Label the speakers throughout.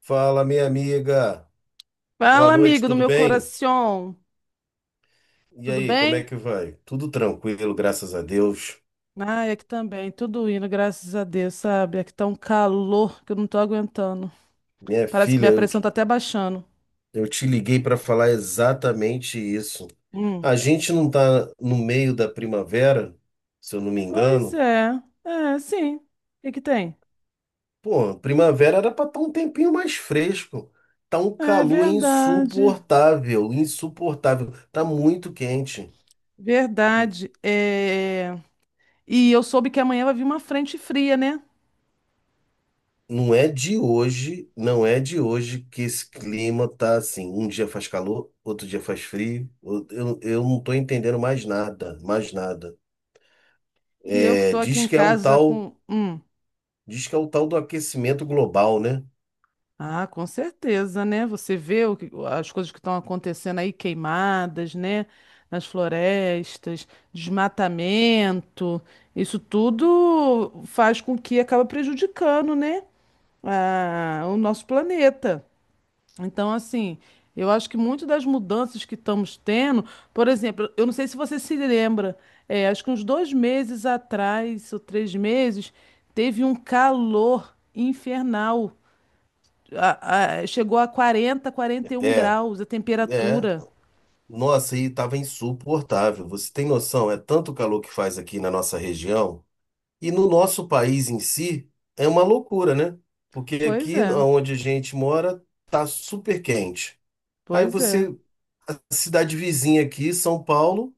Speaker 1: Fala, minha amiga. Boa
Speaker 2: Fala,
Speaker 1: noite,
Speaker 2: amigo do
Speaker 1: tudo
Speaker 2: meu
Speaker 1: bem?
Speaker 2: coração.
Speaker 1: E
Speaker 2: Tudo
Speaker 1: aí, como é
Speaker 2: bem?
Speaker 1: que vai? Tudo tranquilo, graças a Deus.
Speaker 2: Ai, aqui também. Tudo indo, graças a Deus, sabe? Aqui tá um calor que eu não tô aguentando.
Speaker 1: Minha
Speaker 2: Parece que
Speaker 1: filha,
Speaker 2: minha
Speaker 1: eu,
Speaker 2: pressão
Speaker 1: te-
Speaker 2: tá até baixando.
Speaker 1: eu te liguei para falar exatamente isso.
Speaker 2: Hum.
Speaker 1: A gente não tá no meio da primavera, se eu não me
Speaker 2: Pois
Speaker 1: engano.
Speaker 2: é. É, sim. O que que tem?
Speaker 1: Pô, primavera era para estar um tempinho mais fresco. Tá um
Speaker 2: É
Speaker 1: calor
Speaker 2: verdade.
Speaker 1: insuportável, insuportável. Tá muito quente.
Speaker 2: Verdade. E eu soube que amanhã vai vir uma frente fria, né?
Speaker 1: Não é de hoje, não é de hoje que esse clima tá assim. Um dia faz calor, outro dia faz frio. Eu não tô entendendo mais nada, mais nada.
Speaker 2: E eu que
Speaker 1: É,
Speaker 2: tô aqui em casa com...
Speaker 1: diz que é o tal do aquecimento global, né?
Speaker 2: Ah, com certeza, né? Você vê as coisas que estão acontecendo aí, queimadas, né? Nas florestas, desmatamento, isso tudo faz com que acaba prejudicando, né, o nosso planeta. Então, assim, eu acho que muito das mudanças que estamos tendo, por exemplo, eu não sei se você se lembra, acho que uns 2 meses atrás, ou 3 meses, teve um calor infernal. Chegou a 40, quarenta e um
Speaker 1: É,
Speaker 2: graus a
Speaker 1: é.
Speaker 2: temperatura.
Speaker 1: Nossa, e tava insuportável. Você tem noção? É tanto calor que faz aqui na nossa região e no nosso país em si é uma loucura, né? Porque
Speaker 2: Pois
Speaker 1: aqui
Speaker 2: é,
Speaker 1: onde a gente mora tá super quente. Aí
Speaker 2: pois é.
Speaker 1: você cidade vizinha aqui, São Paulo,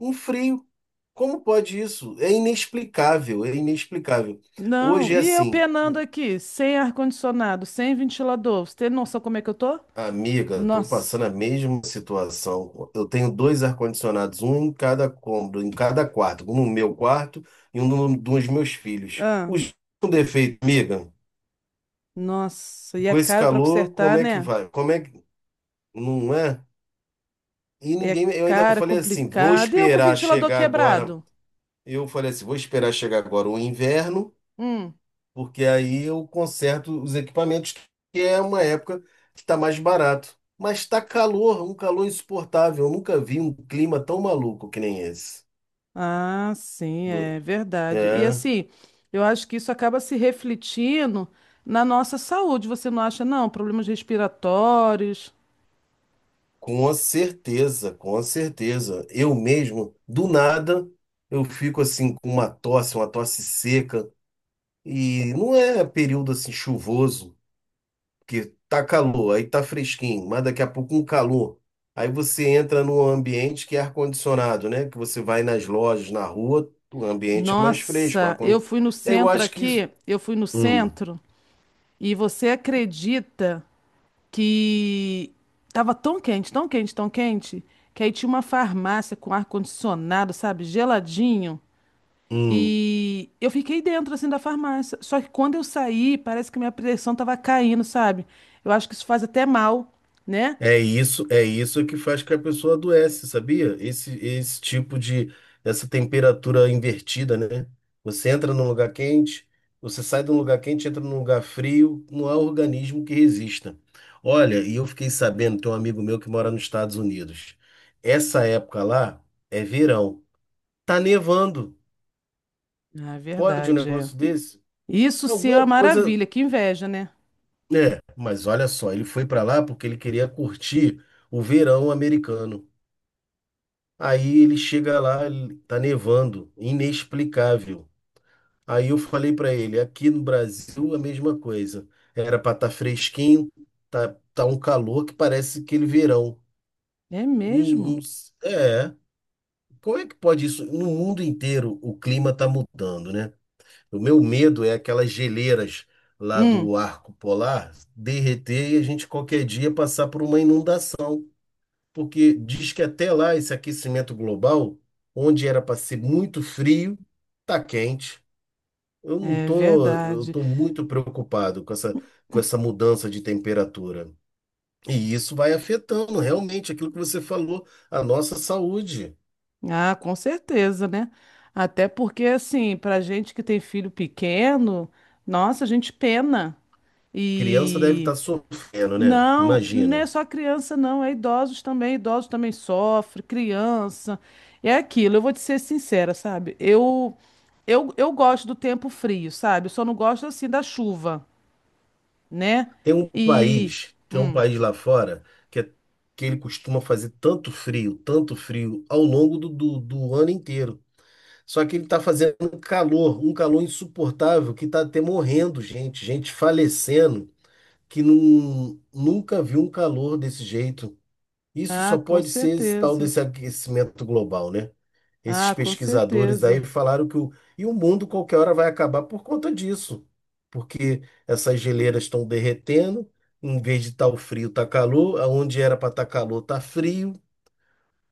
Speaker 1: um frio. Como pode isso? É inexplicável, é inexplicável.
Speaker 2: Não,
Speaker 1: Hoje é
Speaker 2: e eu
Speaker 1: assim,
Speaker 2: penando aqui, sem ar-condicionado, sem ventilador. Você tem noção como é que eu tô?
Speaker 1: amiga, estou
Speaker 2: Nossa,
Speaker 1: passando a mesma situação. Eu tenho dois ar-condicionados, um em cada cômodo, em cada quarto, um no meu quarto e um no- dos meus filhos.
Speaker 2: ah,
Speaker 1: Os com defeito, amiga,
Speaker 2: nossa, e é
Speaker 1: com esse
Speaker 2: caro pra
Speaker 1: calor,
Speaker 2: consertar,
Speaker 1: como é que
Speaker 2: né?
Speaker 1: vai? Como é que não é? E
Speaker 2: É
Speaker 1: ninguém, eu ainda
Speaker 2: caro, é
Speaker 1: falei assim, vou
Speaker 2: complicado. E eu com o
Speaker 1: esperar
Speaker 2: ventilador
Speaker 1: chegar agora.
Speaker 2: quebrado?
Speaker 1: Eu falei assim, vou esperar chegar agora o inverno.
Speaker 2: Hum.
Speaker 1: Porque aí eu conserto os equipamentos, que é uma época que está mais barato. Mas está calor, um calor insuportável. Eu nunca vi um clima tão maluco que nem esse.
Speaker 2: Ah, sim,
Speaker 1: Vo-
Speaker 2: é verdade. E
Speaker 1: É,
Speaker 2: assim, eu acho que isso acaba se refletindo na nossa saúde, você não acha, não? Problemas respiratórios.
Speaker 1: com certeza, com certeza. Eu mesmo, do nada, eu fico assim com uma tosse seca. E não é período assim chuvoso. Que tá calor, aí tá fresquinho, mas daqui a pouco um calor. Aí você entra num ambiente que é ar-condicionado, né? Que você vai nas lojas, na rua, o ambiente é mais fresco.
Speaker 2: Nossa,
Speaker 1: Eu acho que isso.
Speaker 2: eu fui no
Speaker 1: Hum,
Speaker 2: centro e você acredita que tava tão quente, tão quente, tão quente, que aí tinha uma farmácia com ar-condicionado, sabe, geladinho.
Speaker 1: hum.
Speaker 2: E eu fiquei dentro assim da farmácia. Só que quando eu saí, parece que minha pressão tava caindo, sabe? Eu acho que isso faz até mal, né?
Speaker 1: É isso, é isso que faz que a pessoa adoece, sabia? Essa temperatura invertida, né? Você entra num lugar quente, você sai de um lugar quente, entra num lugar frio, não há organismo que resista. Olha, e eu fiquei sabendo, tem um amigo meu que mora nos Estados Unidos. Essa época lá é verão. Tá nevando.
Speaker 2: Ah, é
Speaker 1: Pode um
Speaker 2: verdade, é.
Speaker 1: negócio desse?
Speaker 2: Isso sim é uma
Speaker 1: Alguma coisa,
Speaker 2: maravilha, que inveja, né?
Speaker 1: é, mas olha só, ele foi pra lá porque ele queria curtir o verão americano. Aí ele chega lá, tá nevando, inexplicável. Aí eu falei pra ele, aqui no Brasil a mesma coisa. Era pra estar fresquinho, tá, tá um calor que parece aquele verão.
Speaker 2: É mesmo?
Speaker 1: Um- um- é, como é que pode isso? No mundo inteiro o clima tá mudando, né? O meu medo é aquelas geleiras lá
Speaker 2: Hum,
Speaker 1: do arco polar derreter e a gente qualquer dia passar por uma inundação. Porque diz que até lá esse aquecimento global, onde era para ser muito frio, tá quente. Eu não
Speaker 2: é
Speaker 1: tô, eu
Speaker 2: verdade.
Speaker 1: tô muito preocupado com com essa mudança de temperatura. E isso vai afetando realmente aquilo que você falou, a nossa saúde.
Speaker 2: Ah, com certeza, né? Até porque, assim, pra gente que tem filho pequeno, nossa, a gente pena.
Speaker 1: Criança deve
Speaker 2: E
Speaker 1: estar sofrendo, né?
Speaker 2: não, não é
Speaker 1: Imagina.
Speaker 2: só criança, não, é idosos também. Idosos também sofrem, criança. É aquilo, eu vou te ser sincera, sabe? Eu gosto do tempo frio, sabe? Eu só não gosto, assim, da chuva, né? E.
Speaker 1: Tem um país lá fora que, é- que ele costuma fazer tanto frio ao longo do ano inteiro. Só que ele está fazendo um calor insuportável, que está até morrendo gente, gente falecendo, que não, nunca viu um calor desse jeito. Isso
Speaker 2: Ah,
Speaker 1: só
Speaker 2: com
Speaker 1: pode ser esse tal
Speaker 2: certeza.
Speaker 1: desse aquecimento global, né? Esses
Speaker 2: Ah, com
Speaker 1: pesquisadores
Speaker 2: certeza.
Speaker 1: aí falaram que o, e o mundo qualquer hora vai acabar por conta disso, porque essas geleiras estão derretendo, em vez de estar o frio, está calor, aonde era para estar calor, está frio.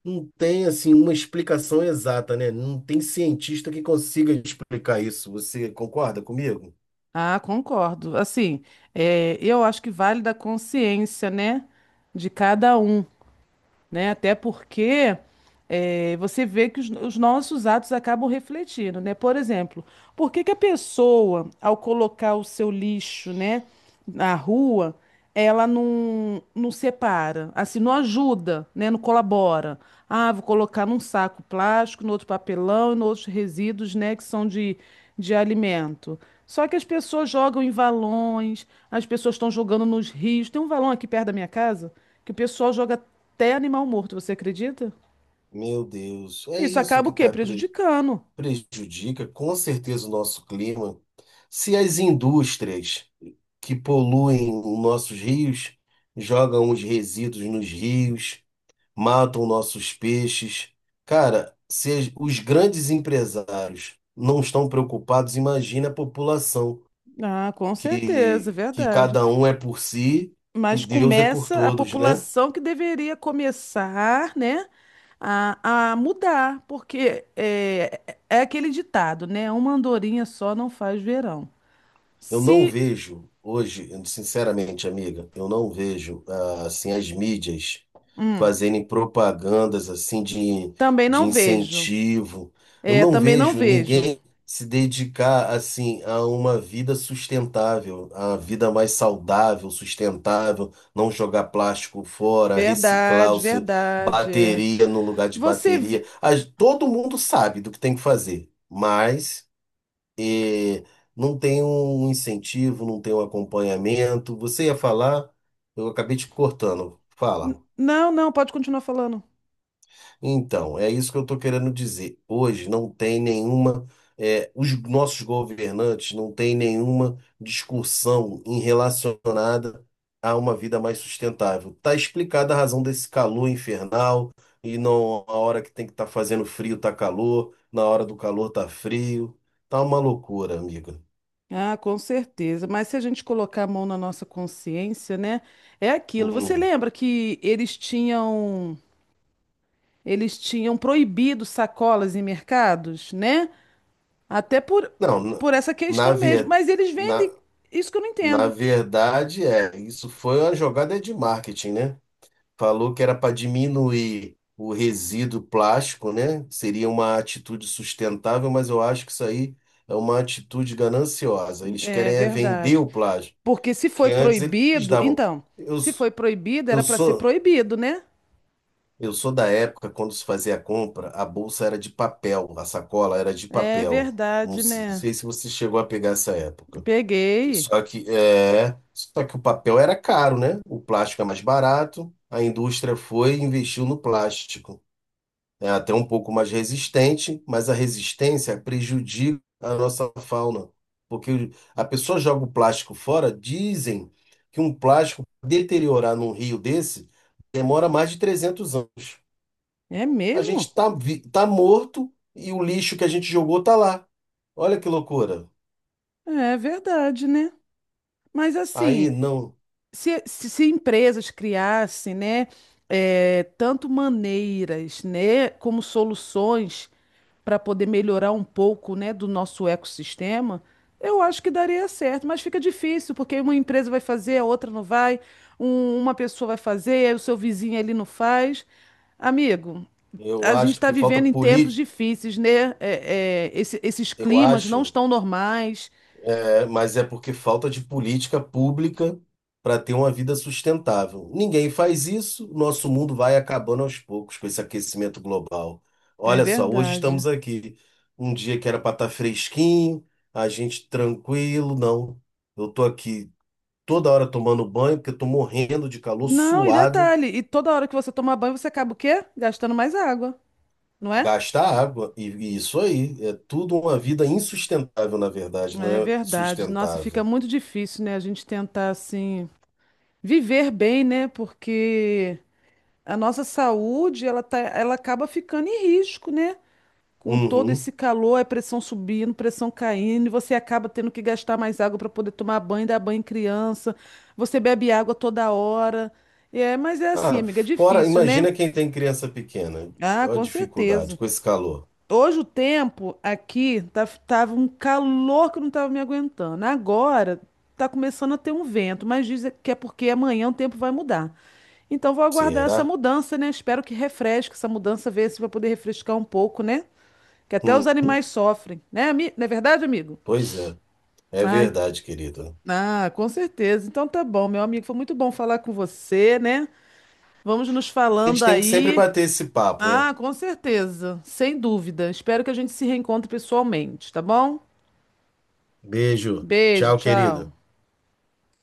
Speaker 1: Não tem assim uma explicação exata, né? Não tem cientista que consiga explicar isso. Você concorda comigo?
Speaker 2: Ah, concordo. Assim, eu acho que vale da consciência, né, de cada um, né? Até porque você vê que os nossos atos acabam refletindo, né? Por exemplo, por que que a pessoa, ao colocar o seu lixo, né, na rua, ela não separa, assim, não ajuda, né? Não colabora. Ah, vou colocar num saco plástico, no outro papelão e nos outros resíduos, né, que são de alimento. Só que as pessoas jogam em valões, as pessoas estão jogando nos rios. Tem um valão aqui perto da minha casa que o pessoal joga até animal morto, você acredita?
Speaker 1: Meu Deus, é
Speaker 2: Isso
Speaker 1: isso
Speaker 2: acaba
Speaker 1: que
Speaker 2: o quê? Prejudicando.
Speaker 1: prejudica com certeza o nosso clima. Se as indústrias que poluem os nossos rios jogam os resíduos nos rios, matam nossos peixes, cara, se os grandes empresários não estão preocupados, imagina a população.
Speaker 2: Ah, com certeza,
Speaker 1: Que
Speaker 2: verdade.
Speaker 1: cada um é por si e
Speaker 2: Mas
Speaker 1: Deus é por
Speaker 2: começa a
Speaker 1: todos, né?
Speaker 2: população que deveria começar, né, a mudar, porque é aquele ditado, né? Uma andorinha só não faz verão.
Speaker 1: Eu não
Speaker 2: Se.
Speaker 1: vejo hoje, sinceramente, amiga, eu não vejo ah, assim as mídias
Speaker 2: Hum,
Speaker 1: fazerem propagandas
Speaker 2: também
Speaker 1: de
Speaker 2: não vejo.
Speaker 1: incentivo. Eu
Speaker 2: É,
Speaker 1: não
Speaker 2: também não
Speaker 1: vejo
Speaker 2: vejo.
Speaker 1: ninguém se dedicar assim a uma vida sustentável, a vida mais saudável, sustentável, não jogar plástico fora, reciclar
Speaker 2: Verdade,
Speaker 1: o seu,
Speaker 2: verdade. É.
Speaker 1: bateria no lugar de
Speaker 2: Você.
Speaker 1: bateria.
Speaker 2: vi-
Speaker 1: Todo mundo sabe do que tem que fazer, mas é, não tem um incentivo, não tem um acompanhamento. Você ia falar, eu acabei te cortando. Fala.
Speaker 2: Não, não, pode continuar falando.
Speaker 1: Então, é isso que eu estou querendo dizer. Hoje não tem os nossos governantes não têm nenhuma discussão em relacionada a uma vida mais sustentável. Está explicada a razão desse calor infernal e não a hora que tem que estar fazendo frio está calor, na hora do calor está frio. Tá uma loucura, amiga.
Speaker 2: Ah, com certeza. Mas se a gente colocar a mão na nossa consciência, né? É aquilo. Você
Speaker 1: Hum.
Speaker 2: lembra que eles tinham proibido sacolas em mercados, né? Até por
Speaker 1: Não, na,
Speaker 2: por essa
Speaker 1: na,
Speaker 2: questão mesmo.
Speaker 1: ver-
Speaker 2: Mas eles
Speaker 1: na
Speaker 2: vendem. Isso que eu não
Speaker 1: na
Speaker 2: entendo.
Speaker 1: verdade isso foi uma jogada de marketing, né? Falou que era para diminuir o resíduo plástico, né? Seria uma atitude sustentável, mas eu acho que isso aí é uma atitude gananciosa. Eles
Speaker 2: É
Speaker 1: querem é vender
Speaker 2: verdade.
Speaker 1: o plástico,
Speaker 2: Porque se
Speaker 1: que
Speaker 2: foi
Speaker 1: antes eles
Speaker 2: proibido,
Speaker 1: davam.
Speaker 2: então,
Speaker 1: Eu,
Speaker 2: se
Speaker 1: s-
Speaker 2: foi proibido,
Speaker 1: eu
Speaker 2: era para ser
Speaker 1: sou
Speaker 2: proibido, né?
Speaker 1: eu sou da época quando se fazia a compra, a bolsa era de papel, a sacola era de
Speaker 2: É
Speaker 1: papel.
Speaker 2: verdade,
Speaker 1: Não
Speaker 2: né?
Speaker 1: sei se você chegou a pegar essa época.
Speaker 2: Peguei.
Speaker 1: Só que o papel era caro, né? O plástico é mais barato. A indústria foi e investiu no plástico. É até um pouco mais resistente, mas a resistência prejudica a nossa fauna. Porque a pessoa joga o plástico fora, dizem que um plástico deteriorar num rio desse demora mais de 300 anos.
Speaker 2: É
Speaker 1: A gente
Speaker 2: mesmo?
Speaker 1: tá, vi- tá morto e o lixo que a gente jogou tá lá. Olha que loucura.
Speaker 2: É verdade, né? Mas
Speaker 1: Aí
Speaker 2: assim,
Speaker 1: não,
Speaker 2: se empresas criassem, né, tanto maneiras, né, como soluções para poder melhorar um pouco, né, do nosso ecossistema, eu acho que daria certo, mas fica difícil, porque uma empresa vai fazer, a outra não vai, uma pessoa vai fazer, aí o seu vizinho ali não faz. Amigo,
Speaker 1: eu
Speaker 2: a gente
Speaker 1: acho
Speaker 2: está
Speaker 1: que falta
Speaker 2: vivendo em tempos
Speaker 1: política.
Speaker 2: difíceis, né? Esses
Speaker 1: Eu
Speaker 2: climas não
Speaker 1: acho.
Speaker 2: estão normais.
Speaker 1: É, mas é porque falta de política pública para ter uma vida sustentável. Ninguém faz isso, nosso mundo vai acabando aos poucos com esse aquecimento global.
Speaker 2: É
Speaker 1: Olha só, hoje
Speaker 2: verdade.
Speaker 1: estamos aqui. Um dia que era para estar fresquinho, a gente tranquilo, não. Eu tô aqui toda hora tomando banho porque eu tô morrendo de calor,
Speaker 2: Não, e
Speaker 1: suado,
Speaker 2: detalhe, e toda hora que você toma banho, você acaba o quê? Gastando mais água, não é?
Speaker 1: gasta água. E isso aí, é tudo uma vida insustentável, na verdade, não
Speaker 2: É
Speaker 1: é
Speaker 2: verdade. Nossa, fica
Speaker 1: sustentável.
Speaker 2: muito difícil, né? A gente tentar, assim, viver bem, né? Porque a nossa saúde, ela acaba ficando em risco, né? Com todo esse
Speaker 1: Uhum.
Speaker 2: calor, é pressão subindo, pressão caindo, e você acaba tendo que gastar mais água para poder tomar banho, dar banho em criança. Você bebe água toda hora. É, mas é assim,
Speaker 1: Ah,
Speaker 2: amiga, é
Speaker 1: fora,
Speaker 2: difícil, né?
Speaker 1: imagina quem tem criança pequena.
Speaker 2: Ah,
Speaker 1: Olha a
Speaker 2: com
Speaker 1: dificuldade
Speaker 2: certeza.
Speaker 1: com esse calor.
Speaker 2: Hoje o tempo aqui tava um calor que eu não tava me aguentando. Agora tá começando a ter um vento, mas dizem que é porque amanhã o tempo vai mudar. Então vou aguardar essa
Speaker 1: Será?
Speaker 2: mudança, né? Espero que refresque essa mudança, ver se vai poder refrescar um pouco, né? Que até os
Speaker 1: Hum,
Speaker 2: animais sofrem, né, não é verdade, amigo?
Speaker 1: pois é. É
Speaker 2: Ai,
Speaker 1: verdade, querido.
Speaker 2: ah, com certeza. Então tá bom, meu amigo. Foi muito bom falar com você, né? Vamos nos
Speaker 1: A
Speaker 2: falando
Speaker 1: gente tem que sempre
Speaker 2: aí.
Speaker 1: bater esse papo, é.
Speaker 2: Ah, com certeza, sem dúvida. Espero que a gente se reencontre pessoalmente, tá bom?
Speaker 1: Beijo.
Speaker 2: Beijo,
Speaker 1: Tchau,
Speaker 2: tchau.
Speaker 1: querido.